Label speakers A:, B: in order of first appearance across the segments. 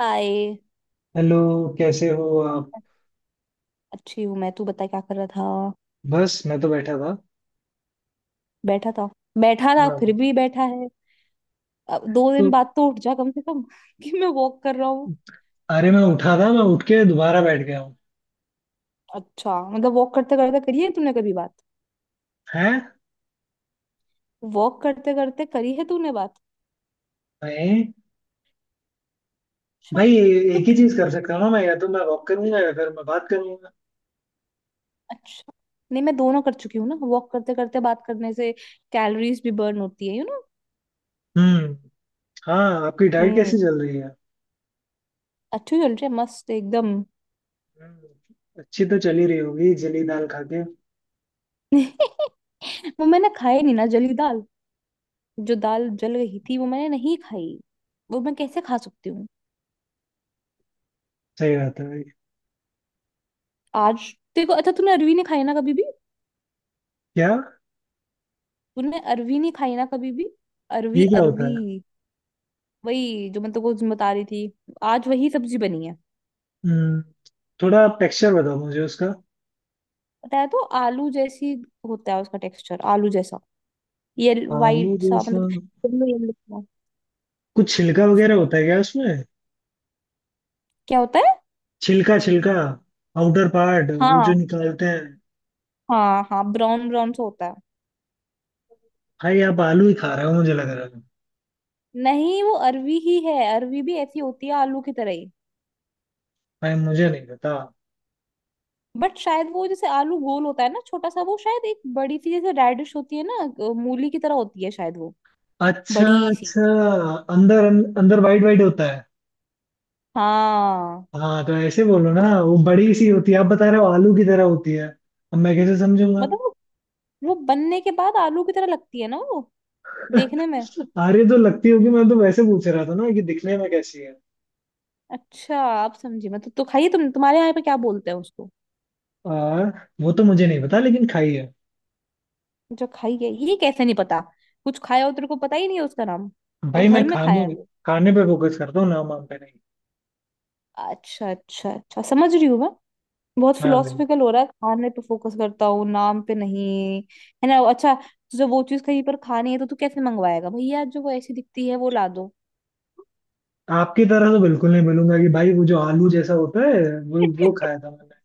A: हाय।
B: Hello. कैसे हो आप?
A: अच्छी हूँ मैं। तू बता क्या कर रहा था।
B: बस मैं तो बैठा था।
A: बैठा था। बैठा था फिर
B: हाँ।
A: भी बैठा है। अब दो दिन
B: तो।
A: बाद तो उठ जा कम से कम कि मैं वॉक कर रहा हूँ।
B: अरे मैं उठा था, मैं उठ के दोबारा बैठ गया हूँ।
A: अच्छा मतलब वॉक करते करते करी है तूने कभी बात?
B: हैं?
A: वॉक करते करते करी है तूने बात?
B: भाई,
A: अच्छा।
B: भाई,
A: तू।
B: एक ही चीज कर सकता हूँ ना मैं, या तो मैं वॉक करूंगा या फिर मैं बात करूंगा।
A: अच्छा नहीं, मैं दोनों कर चुकी हूँ ना, वॉक करते करते बात करने से कैलोरीज भी बर्न होती है यू नो।
B: हम्म। हाँ, आपकी डाइट
A: हम्म।
B: कैसी चल रही है?
A: अच्छी चल रही है, मस्त एकदम।
B: हम्म, अच्छी तो चली रही होगी जली दाल खा के।
A: वो मैंने खाई नहीं ना जली दाल। जो दाल जल रही थी वो मैंने नहीं खाई। वो मैं कैसे खा सकती हूँ।
B: सही बात है भाई।
A: आज तेरे को, अच्छा तूने अरवी नहीं खाई ना कभी भी?
B: क्या?
A: तूने अरवी नहीं खाई ना कभी भी? अरवी
B: ये क्या होता
A: अरवी।
B: है?
A: वही जो मैं तेरे को बता रही थी। आज वही सब्जी बनी है।
B: हम्म। थोड़ा टेक्सचर बताओ मुझे उसका।
A: पता है तो आलू जैसी होता है उसका टेक्सचर, आलू जैसा। ये
B: आलू
A: वाइट सा
B: जैसा?
A: मतलब येलो येलो सा।
B: कुछ छिलका वगैरह होता है क्या उसमें?
A: क्या होता है?
B: छिलका छिलका, आउटर पार्ट वो जो
A: हाँ।
B: निकालते हैं।
A: हाँ हाँ, ब्राउन ब्राउन सा होता है।
B: भाई आप आलू ही खा रहे हो मुझे लग रहा है।
A: नहीं वो अरवी ही है, अरवी भी ऐसी होती है आलू की तरह ही।
B: भाई मुझे नहीं पता।
A: बट शायद वो जैसे आलू गोल होता है ना छोटा सा, वो शायद एक बड़ी सी जैसे रेडिश होती है ना। मूली की तरह होती है शायद वो।
B: अच्छा
A: बड़ी सी।
B: अच्छा। अंदर अंदर वाइट वाइट होता है।
A: हाँ।
B: हाँ तो ऐसे बोलो ना, वो बड़ी सी होती है आप बता रहे हो आलू की तरह होती है, अब मैं कैसे समझूंगा?
A: मतलब वो बनने के बाद आलू की तरह लगती है ना वो, देखने में।
B: अरे तो लगती होगी, मैं तो वैसे पूछ रहा था ना कि दिखने में कैसी है।
A: अच्छा आप समझी मतलब। तो खाइए। तुम्हारे यहाँ पे क्या बोलते हैं उसको?
B: आ, वो तो मुझे नहीं पता लेकिन खाई है।
A: जो खाई है ये कैसे नहीं पता? कुछ खाया हो तेरे को पता ही नहीं है उसका नाम। और
B: भाई, मैं
A: घर में खाया
B: खाने
A: है वो।
B: खाने पे फोकस करता हूँ नाम वाम पे नहीं।
A: अच्छा अच्छा अच्छा, समझ रही हूँ मैं। बहुत
B: हाँ,
A: फिलोसफिकल हो रहा है, खाने पे फोकस करता हूँ नाम पे नहीं। है ना। अच्छा, तुझे वो चीज कहीं पर खानी है तो तू कैसे मंगवाएगा? भैया जो वो ऐसी दिखती है वो ला दो।
B: आपकी तरह तो बिल्कुल नहीं मिलूंगा कि भाई वो जो आलू जैसा होता है वो वो खाया था मैंने।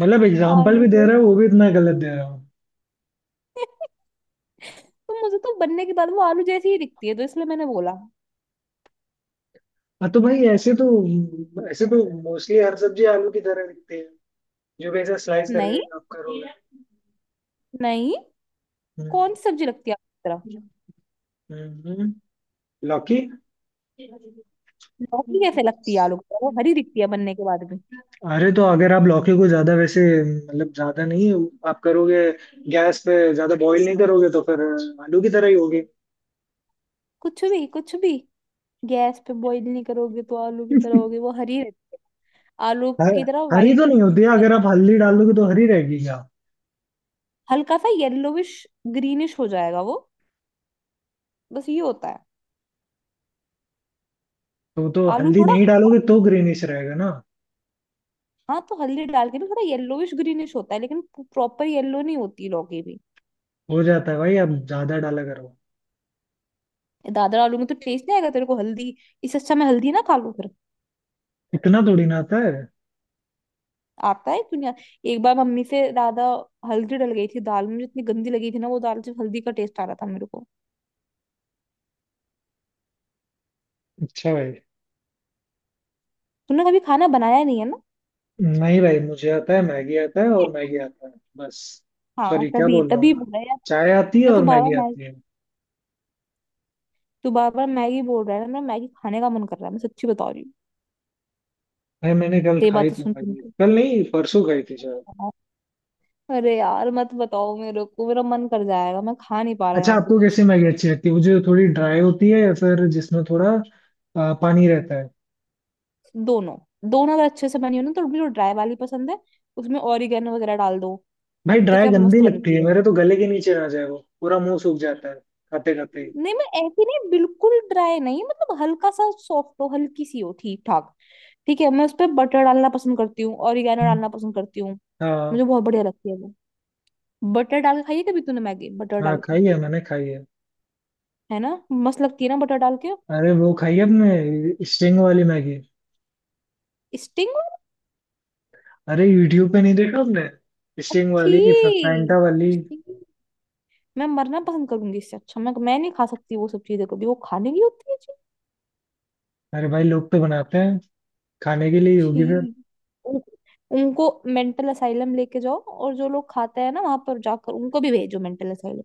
B: मतलब एग्जाम्पल
A: आलू
B: भी दे रहे
A: जैसी।
B: हो वो भी इतना गलत दे रहे हो।
A: तो मुझे तो बनने के बाद वो आलू जैसी ही दिखती है, तो इसलिए मैंने बोला।
B: हाँ तो भाई ऐसे तो मोस्टली हर सब्जी आलू की तरह दिखती है, जो कैसे स्लाइस
A: नहीं।
B: करके आप करोगे?
A: नहीं।
B: हम्म,
A: कौन सी सब्जी लगती है आलू की तरह?
B: हम्म। लौकी।
A: लौकी कैसे लगती है आलू की तरह, वो हरी दिखती है बनने के बाद भी।
B: अरे तो अगर आप लौकी को ज्यादा, वैसे मतलब ज्यादा नहीं, आप करोगे, गैस पे ज्यादा बॉईल नहीं करोगे तो फिर आलू की तरह ही होगी।
A: कुछ भी कुछ भी। गैस पे बॉईल नहीं करोगे तो आलू की तरह होगी? वो हरी रहती है आलू
B: ह-
A: की तरह
B: हरी तो
A: वाइट
B: नहीं होती है,
A: रहती है।
B: अगर आप हल्दी डालोगे तो हरी रहेगी क्या?
A: हल्का सा येलोविश ग्रीनिश हो जाएगा वो। बस ये होता है।
B: तो
A: आलू
B: हल्दी
A: थोड़ा।
B: नहीं डालोगे तो ग्रीनिश रहेगा ना?
A: हाँ तो हल्दी डाल के भी थोड़ा येलोविश ग्रीनिश होता है, लेकिन प्रॉपर येलो नहीं होती लौकी भी।
B: हो जाता है भाई, आप ज्यादा डाला करो।
A: दादर आलू में तो टेस्ट नहीं आएगा तेरे को हल्दी। इससे अच्छा मैं हल्दी ना खा लूं फिर।
B: इतना थोड़ी ना आता है।
A: आता है, क्यों नहीं आता? एक बार मम्मी से दादा हल्दी डल गई थी दाल में, जितनी गंदी लगी थी ना, वो दाल से हल्दी का टेस्ट आ रहा था मेरे को।
B: अच्छा भाई।
A: तूने कभी खाना बनाया नहीं है ना।
B: नहीं भाई मुझे आता है, मैगी आता है और मैगी आता है बस।
A: हाँ
B: सॉरी, क्या
A: तभी
B: बोल रहा हूँ
A: तभी
B: मैं?
A: बोल रहा है यार।
B: चाय आती है
A: मैं तो
B: और
A: बार बार
B: मैगी आती
A: मैगी।
B: है।
A: तू बार बार मैगी बोल रहा है ना, मेरा मैगी खाने का मन कर रहा है, मैं सच्ची बता रही हूँ।
B: भाई मैंने कल
A: तेरी बात
B: खाई
A: तो
B: थी
A: सुन सुन
B: मैगी, कल नहीं परसों खाई थी शायद।
A: के अरे यार मत बताओ मेरे को, मेरा मन कर जाएगा, मैं खा नहीं पा रहा
B: अच्छा,
A: यहाँ पे
B: आपको
A: कुछ।
B: कैसी मैगी अच्छी लगती है? वो जो थोड़ी ड्राई होती है या फिर जिसमें थोड़ा पानी रहता है?
A: दोनों। दोनों अगर अच्छे से बनी हो ना, तो मुझे जो ड्राई वाली पसंद है उसमें ऑरिगेनो वगैरह डाल दो। है
B: भाई
A: ना तो
B: ड्राई
A: क्या
B: गंदी
A: मस्त
B: लगती
A: बनती
B: है,
A: है।
B: मेरे तो गले के नीचे ना जाए, वो पूरा मुंह सूख जाता है खाते खाते ही।
A: नहीं मैं ऐसी नहीं, बिल्कुल ड्राई नहीं मतलब, हल्का सा सॉफ्ट हो, हल्की सी हो, ठीक ठाक ठीक है। मैं उस पर बटर डालना पसंद करती हूँ, ऑरिगेनो
B: हम्म।
A: डालना पसंद करती हूँ। मुझे
B: हाँ।
A: बहुत बढ़िया लगती है वो। बटर डाल के खाइए कभी। तूने मैगी बटर
B: हाँ,
A: डाल के?
B: खाई है, मैंने खाई है।
A: है ना, मस्त लगती है ना बटर डाल के।
B: अरे वो खाई आपने स्टिंग वाली मैगी?
A: स्टिंग।
B: अरे यूट्यूब पे नहीं देखा आपने, स्टिंग
A: अच्छी।
B: वाली फैंटा वाली।
A: मैं मरना पसंद करूंगी इससे अच्छा। मैं नहीं खा सकती वो सब चीजें। कभी वो खाने की होती है जी।
B: अरे भाई लोग तो बनाते हैं, खाने के लिए ही
A: छी।
B: होगी फिर।
A: उन, उनको मेंटल असाइलम लेके जाओ, और जो लोग खाते हैं ना वहां पर जाकर उनको भी भेजो मेंटल असाइलम।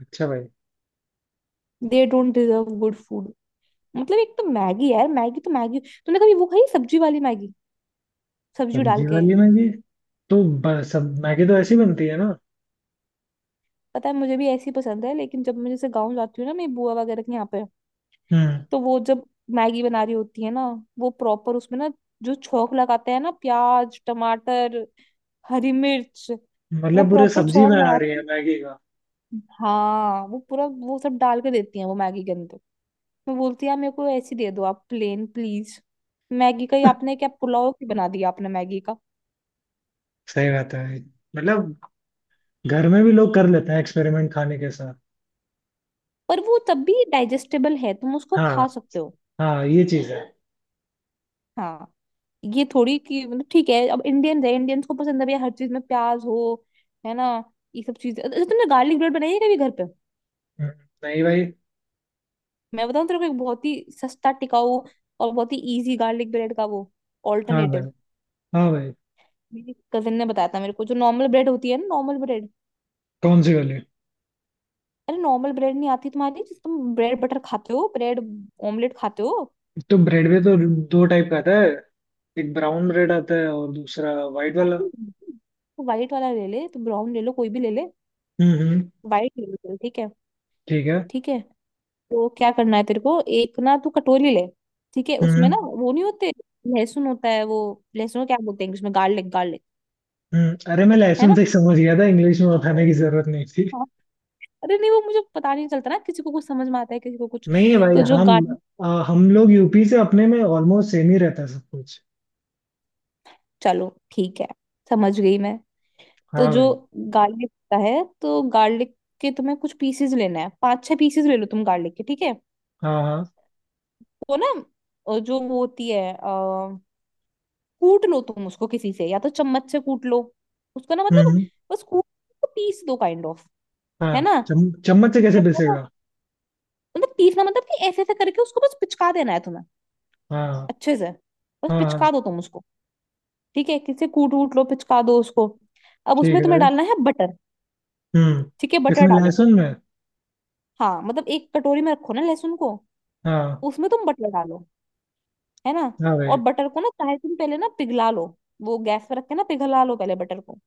B: अच्छा भाई।
A: They don't deserve good food. मतलब एक तो मैगी यार, मैगी तो मैगी। तूने कभी वो खाई सब्जी वाली मैगी, सब्जी डाल
B: सब्जी
A: के?
B: वाली मैगी? तो सब मैगी तो ऐसी बनती है ना?
A: पता है मुझे भी ऐसी पसंद है, लेकिन जब मैं जैसे गाँव जाती हूँ ना, मेरी बुआ वगैरह के यहाँ पे,
B: हम्म।
A: तो वो जब मैगी बना रही होती है ना, वो प्रॉपर उसमें ना जो छौंक लगाते हैं ना, प्याज टमाटर हरी मिर्च, वो
B: मतलब पूरे
A: प्रॉपर
B: सब्जी
A: छौंक
B: बना
A: लगा
B: रही है
A: के।
B: मैगी का?
A: हाँ वो पूरा वो सब डाल के देती हैं वो मैगी के अंदर। मैं बोलती यार मेरे को ऐसी दे दो आप प्लेन प्लीज। मैगी का ही आपने क्या पुलाव की बना दिया आपने मैगी का।
B: सही बात है भाई। मतलब, घर में भी लोग कर लेते हैं एक्सपेरिमेंट खाने के साथ।
A: पर वो तब भी डाइजेस्टेबल है, तुम उसको
B: हाँ।
A: खा सकते हो।
B: हाँ ये चीज है।
A: हाँ। ये थोड़ी कि मतलब, ठीक है अब इंडियन है, इंडियंस को पसंद है भैया हर चीज में प्याज हो। है ना। ये सब चीजें। अच्छा तुमने गार्लिक ब्रेड बनाई है कभी घर पे?
B: हम्म, नहीं भाई।
A: मैं बताऊं तेरे को एक बहुत ही सस्ता, टिकाऊ और बहुत ही इजी गार्लिक ब्रेड का वो
B: हाँ भाई।
A: ऑल्टरनेटिव।
B: हाँ भाई।
A: मेरी कजिन ने बताया था मेरे को। जो नॉर्मल ब्रेड होती है ना, नॉर्मल ब्रेड।
B: कौन सी वाली?
A: अरे नॉर्मल ब्रेड नहीं आती तुम्हारी, जिस तुम ब्रेड बटर खाते हो, ब्रेड ऑमलेट खाते हो।
B: तो ब्रेड में तो दो टाइप का आता है, एक ब्राउन ब्रेड आता है और दूसरा वाइट वाला।
A: तो वाइट वाला ले ले, तो ब्राउन ले लो, कोई भी ले ले।
B: हम्म।
A: वाइट ले लो चल, ठीक है।
B: ठीक है।
A: ठीक है। तो क्या करना है तेरे को, एक ना तू कटोरी ले। ठीक है, उसमें
B: हम्म
A: ना वो नहीं होते, लहसुन होता है वो। लहसुन को क्या बोलते हैं इंग्लिश में? Garlic, garlic.
B: अरे मैं
A: है
B: लहसुन
A: ना।
B: से ही समझ गया था, इंग्लिश में बताने की जरूरत नहीं थी।
A: हाँ। अरे नहीं वो मुझे पता नहीं चलता ना, किसी को कुछ समझ में आता है किसी को कुछ।
B: नहीं है भाई।
A: तो जो गार्लिक।
B: हम लोग यूपी से, अपने में ऑलमोस्ट सेम ही रहता है सब कुछ।
A: चलो ठीक है, समझ गई मैं। तो
B: हाँ
A: जो
B: भाई।
A: गार्लिक होता है, तो गार्लिक के तुम्हें कुछ पीसेस लेना है, पाँच छह पीसेस ले लो तुम गार्लिक के, ठीक है।
B: हाँ हाँ।
A: वो ना, जो वो होती है कूट लो तुम उसको किसी से, या तो चम्मच से कूट लो उसको ना, मतलब
B: हम्म।
A: बस कूट उसको, पीस दो काइंड ऑफ।
B: हाँ,
A: है ना।
B: चम्मच से
A: इससे
B: कैसे
A: अच्छा ना,
B: पिसेगा?
A: मतलब पीसना मतलब कि ऐसे ऐसे करके उसको बस पिचका देना है तुम्हें,
B: हाँ।
A: अच्छे से। बस
B: हाँ हाँ।
A: पिचका दो तुम उसको। ठीक है, किसी से कूट वूट लो, पिचका दो उसको। अब
B: ठीक
A: उसमें
B: है
A: तुम्हें
B: भाई।
A: डालना है बटर।
B: हम्म।
A: ठीक है, बटर
B: किसमें?
A: डालो।
B: लहसुन में?
A: हाँ मतलब एक कटोरी में रखो ना लहसुन को,
B: हाँ।
A: उसमें तुम बटर डालो। है ना।
B: हाँ
A: और
B: भाई।
A: बटर को ना, चाहे तुम पहले ना पिघला लो, वो गैस पर रख के ना पिघला लो पहले बटर को।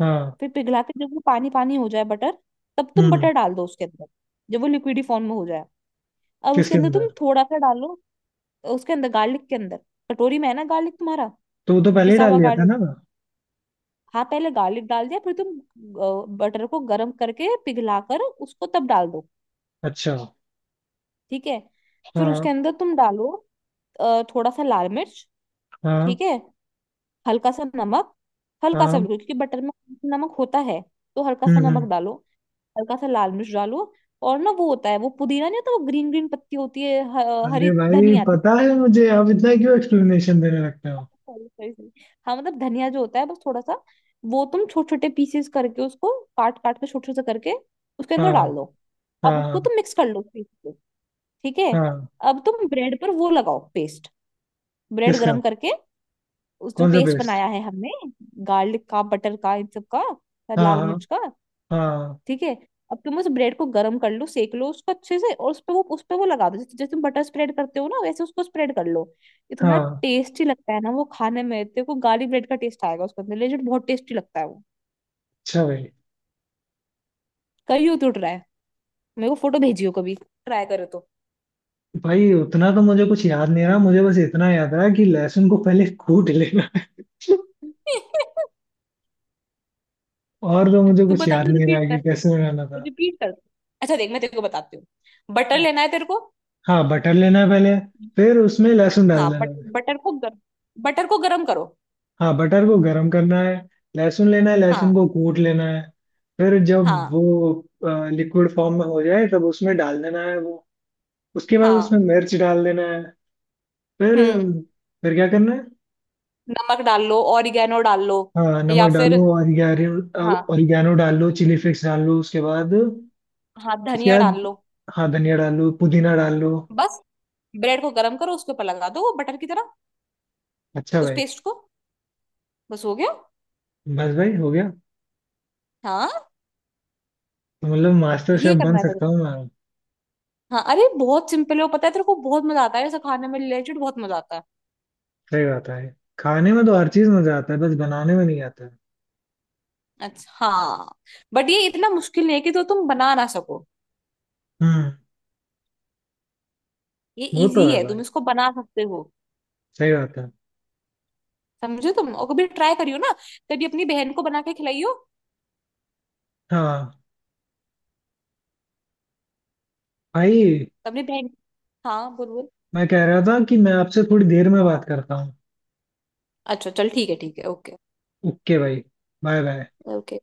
B: हाँ।
A: फिर पिघला के जब वो पानी पानी हो जाए बटर, तब तुम
B: हम्म।
A: बटर डाल दो उसके अंदर। जब वो लिक्विडी फॉर्म में हो जाए, अब उसके
B: किसके
A: अंदर तुम
B: अंदर?
A: थोड़ा सा डालो। उसके अंदर, गार्लिक के अंदर, कटोरी में है ना गार्लिक तुम्हारा,
B: तो वो तो पहले ही
A: पिसा
B: डाल
A: हुआ
B: लिया था
A: गार्लिक।
B: ना?
A: हाँ पहले गार्लिक डाल दिया, फिर तुम बटर को गर्म करके पिघला कर उसको तब डाल दो।
B: अच्छा।
A: ठीक है। फिर उसके
B: हाँ।
A: अंदर तुम डालो थोड़ा सा लाल मिर्च।
B: हाँ।
A: ठीक है। हल्का सा नमक, हल्का सा
B: हाँ।
A: बिल्कुल, क्योंकि बटर में नमक होता है, तो हल्का सा
B: हम्म।
A: नमक डालो। हल्का सा लाल मिर्च डालो। और ना वो होता है वो, पुदीना नहीं होता वो, ग्रीन ग्रीन पत्ती होती है,
B: अरे
A: हरी
B: भाई
A: धनिया।
B: पता है मुझे, आप इतना क्यों एक्सप्लेनेशन देने लगते हो?
A: Sorry, sorry, sorry. हाँ मतलब धनिया जो होता है, बस थोड़ा सा वो तुम छोटे छोटे पीसेस करके उसको, काट काट के छोटे छोटे करके उसके अंदर डाल
B: हाँ।
A: दो। अब उसको
B: हाँ।
A: तुम मिक्स कर लो पीस को। ठीक है।
B: हाँ।
A: अब तुम ब्रेड पर वो लगाओ पेस्ट, ब्रेड
B: किसका?
A: गरम करके। उस जो
B: कौन सा
A: पेस्ट
B: बेस्ट?
A: बनाया है हमने, गार्लिक का, बटर का, इन सब का और
B: हाँ
A: लाल
B: हाँ।
A: मिर्च का।
B: हाँ।
A: ठीक है। अब तुम उस ब्रेड को गर्म कर लो, सेक लो उसको अच्छे से, और उस पे वो, उस पे वो लगा दो, जैसे जैसे तुम बटर स्प्रेड करते हो ना, वैसे उसको स्प्रेड कर लो। इतना
B: हाँ।
A: टेस्टी लगता है ना वो खाने में, तेरे को गार्लिक ब्रेड का टेस्ट आएगा उसके अंदर, लेजिट बहुत टेस्टी लगता है वो।
B: अच्छा भाई।
A: करियो तो ट्राई, मेरे को फोटो भेजियो कभी ट्राई करो तो।
B: भाई उतना तो मुझे कुछ याद नहीं रहा, मुझे बस इतना याद रहा कि लहसुन को पहले कूट लेना है। और तो मुझे
A: तू
B: कुछ
A: बता,
B: याद
A: दो
B: नहीं
A: रिपीट
B: रहा कि
A: कर।
B: कैसे बनाना था।
A: रिपीट कर। अच्छा देख मैं तेरे को बताती हूँ। बटर लेना है तेरे को।
B: हाँ बटर लेना है पहले, फिर उसमें लहसुन डाल
A: हाँ
B: देना।
A: बटर को बटर को गरम करो।
B: हाँ बटर को गरम करना है, लहसुन लेना है,
A: हाँ।
B: लहसुन को कूट लेना है। फिर जब वो
A: हाँ।
B: लिक्विड फॉर्म में हो जाए तब उसमें डाल देना है वो। उसके बाद उसमें
A: हाँ।
B: मिर्च डाल देना है। फिर
A: हम्म।
B: फिर क्या करना है?
A: नमक डाल लो, ऑरिगेनो डाल लो,
B: हाँ
A: या
B: नमक
A: फिर।
B: डालो, ऑरिगेनो,
A: हाँ।
B: ऑरिगेनो डाल लो, चिली फ्लेक्स डाल लो उसके बाद।
A: हाँ
B: उसके
A: धनिया
B: बाद
A: डाल लो।
B: हाँ धनिया डाल लो, पुदीना डाल लो।
A: बस ब्रेड को गरम करो, उसके ऊपर लगा दो वो बटर की तरह,
B: अच्छा
A: उस
B: भाई।
A: पेस्ट को। बस हो गया।
B: बस भाई हो गया।
A: हाँ
B: तो मतलब मास्टर
A: ये
B: शेफ बन
A: करना है
B: सकता
A: तुझे।
B: हूँ मैं?
A: हाँ अरे बहुत सिंपल है वो, पता है तेरे को बहुत मजा आता है ऐसा खाने में रिलेटेड, बहुत मजा आता है।
B: सही बात है। खाने में तो हर चीज मजा आता है, बस बनाने में नहीं आता है।
A: अच्छा हाँ। बट ये इतना मुश्किल नहीं है कि तो तुम बना ना सको,
B: हम्म।
A: ये
B: वो तो
A: इजी
B: है
A: है, तुम
B: भाई।
A: इसको बना सकते हो।
B: सही बात है।
A: समझो तुम और कभी ट्राई करियो ना, कभी अपनी बहन को बना के खिलाइयो।
B: हाँ भाई।
A: अपनी बहन। हाँ बोलो।
B: मैं कह रहा था कि मैं आपसे थोड़ी देर में बात करता हूँ।
A: अच्छा चल ठीक है, ठीक है, ओके।
B: ओके भाई। Bye bye.
A: ओके।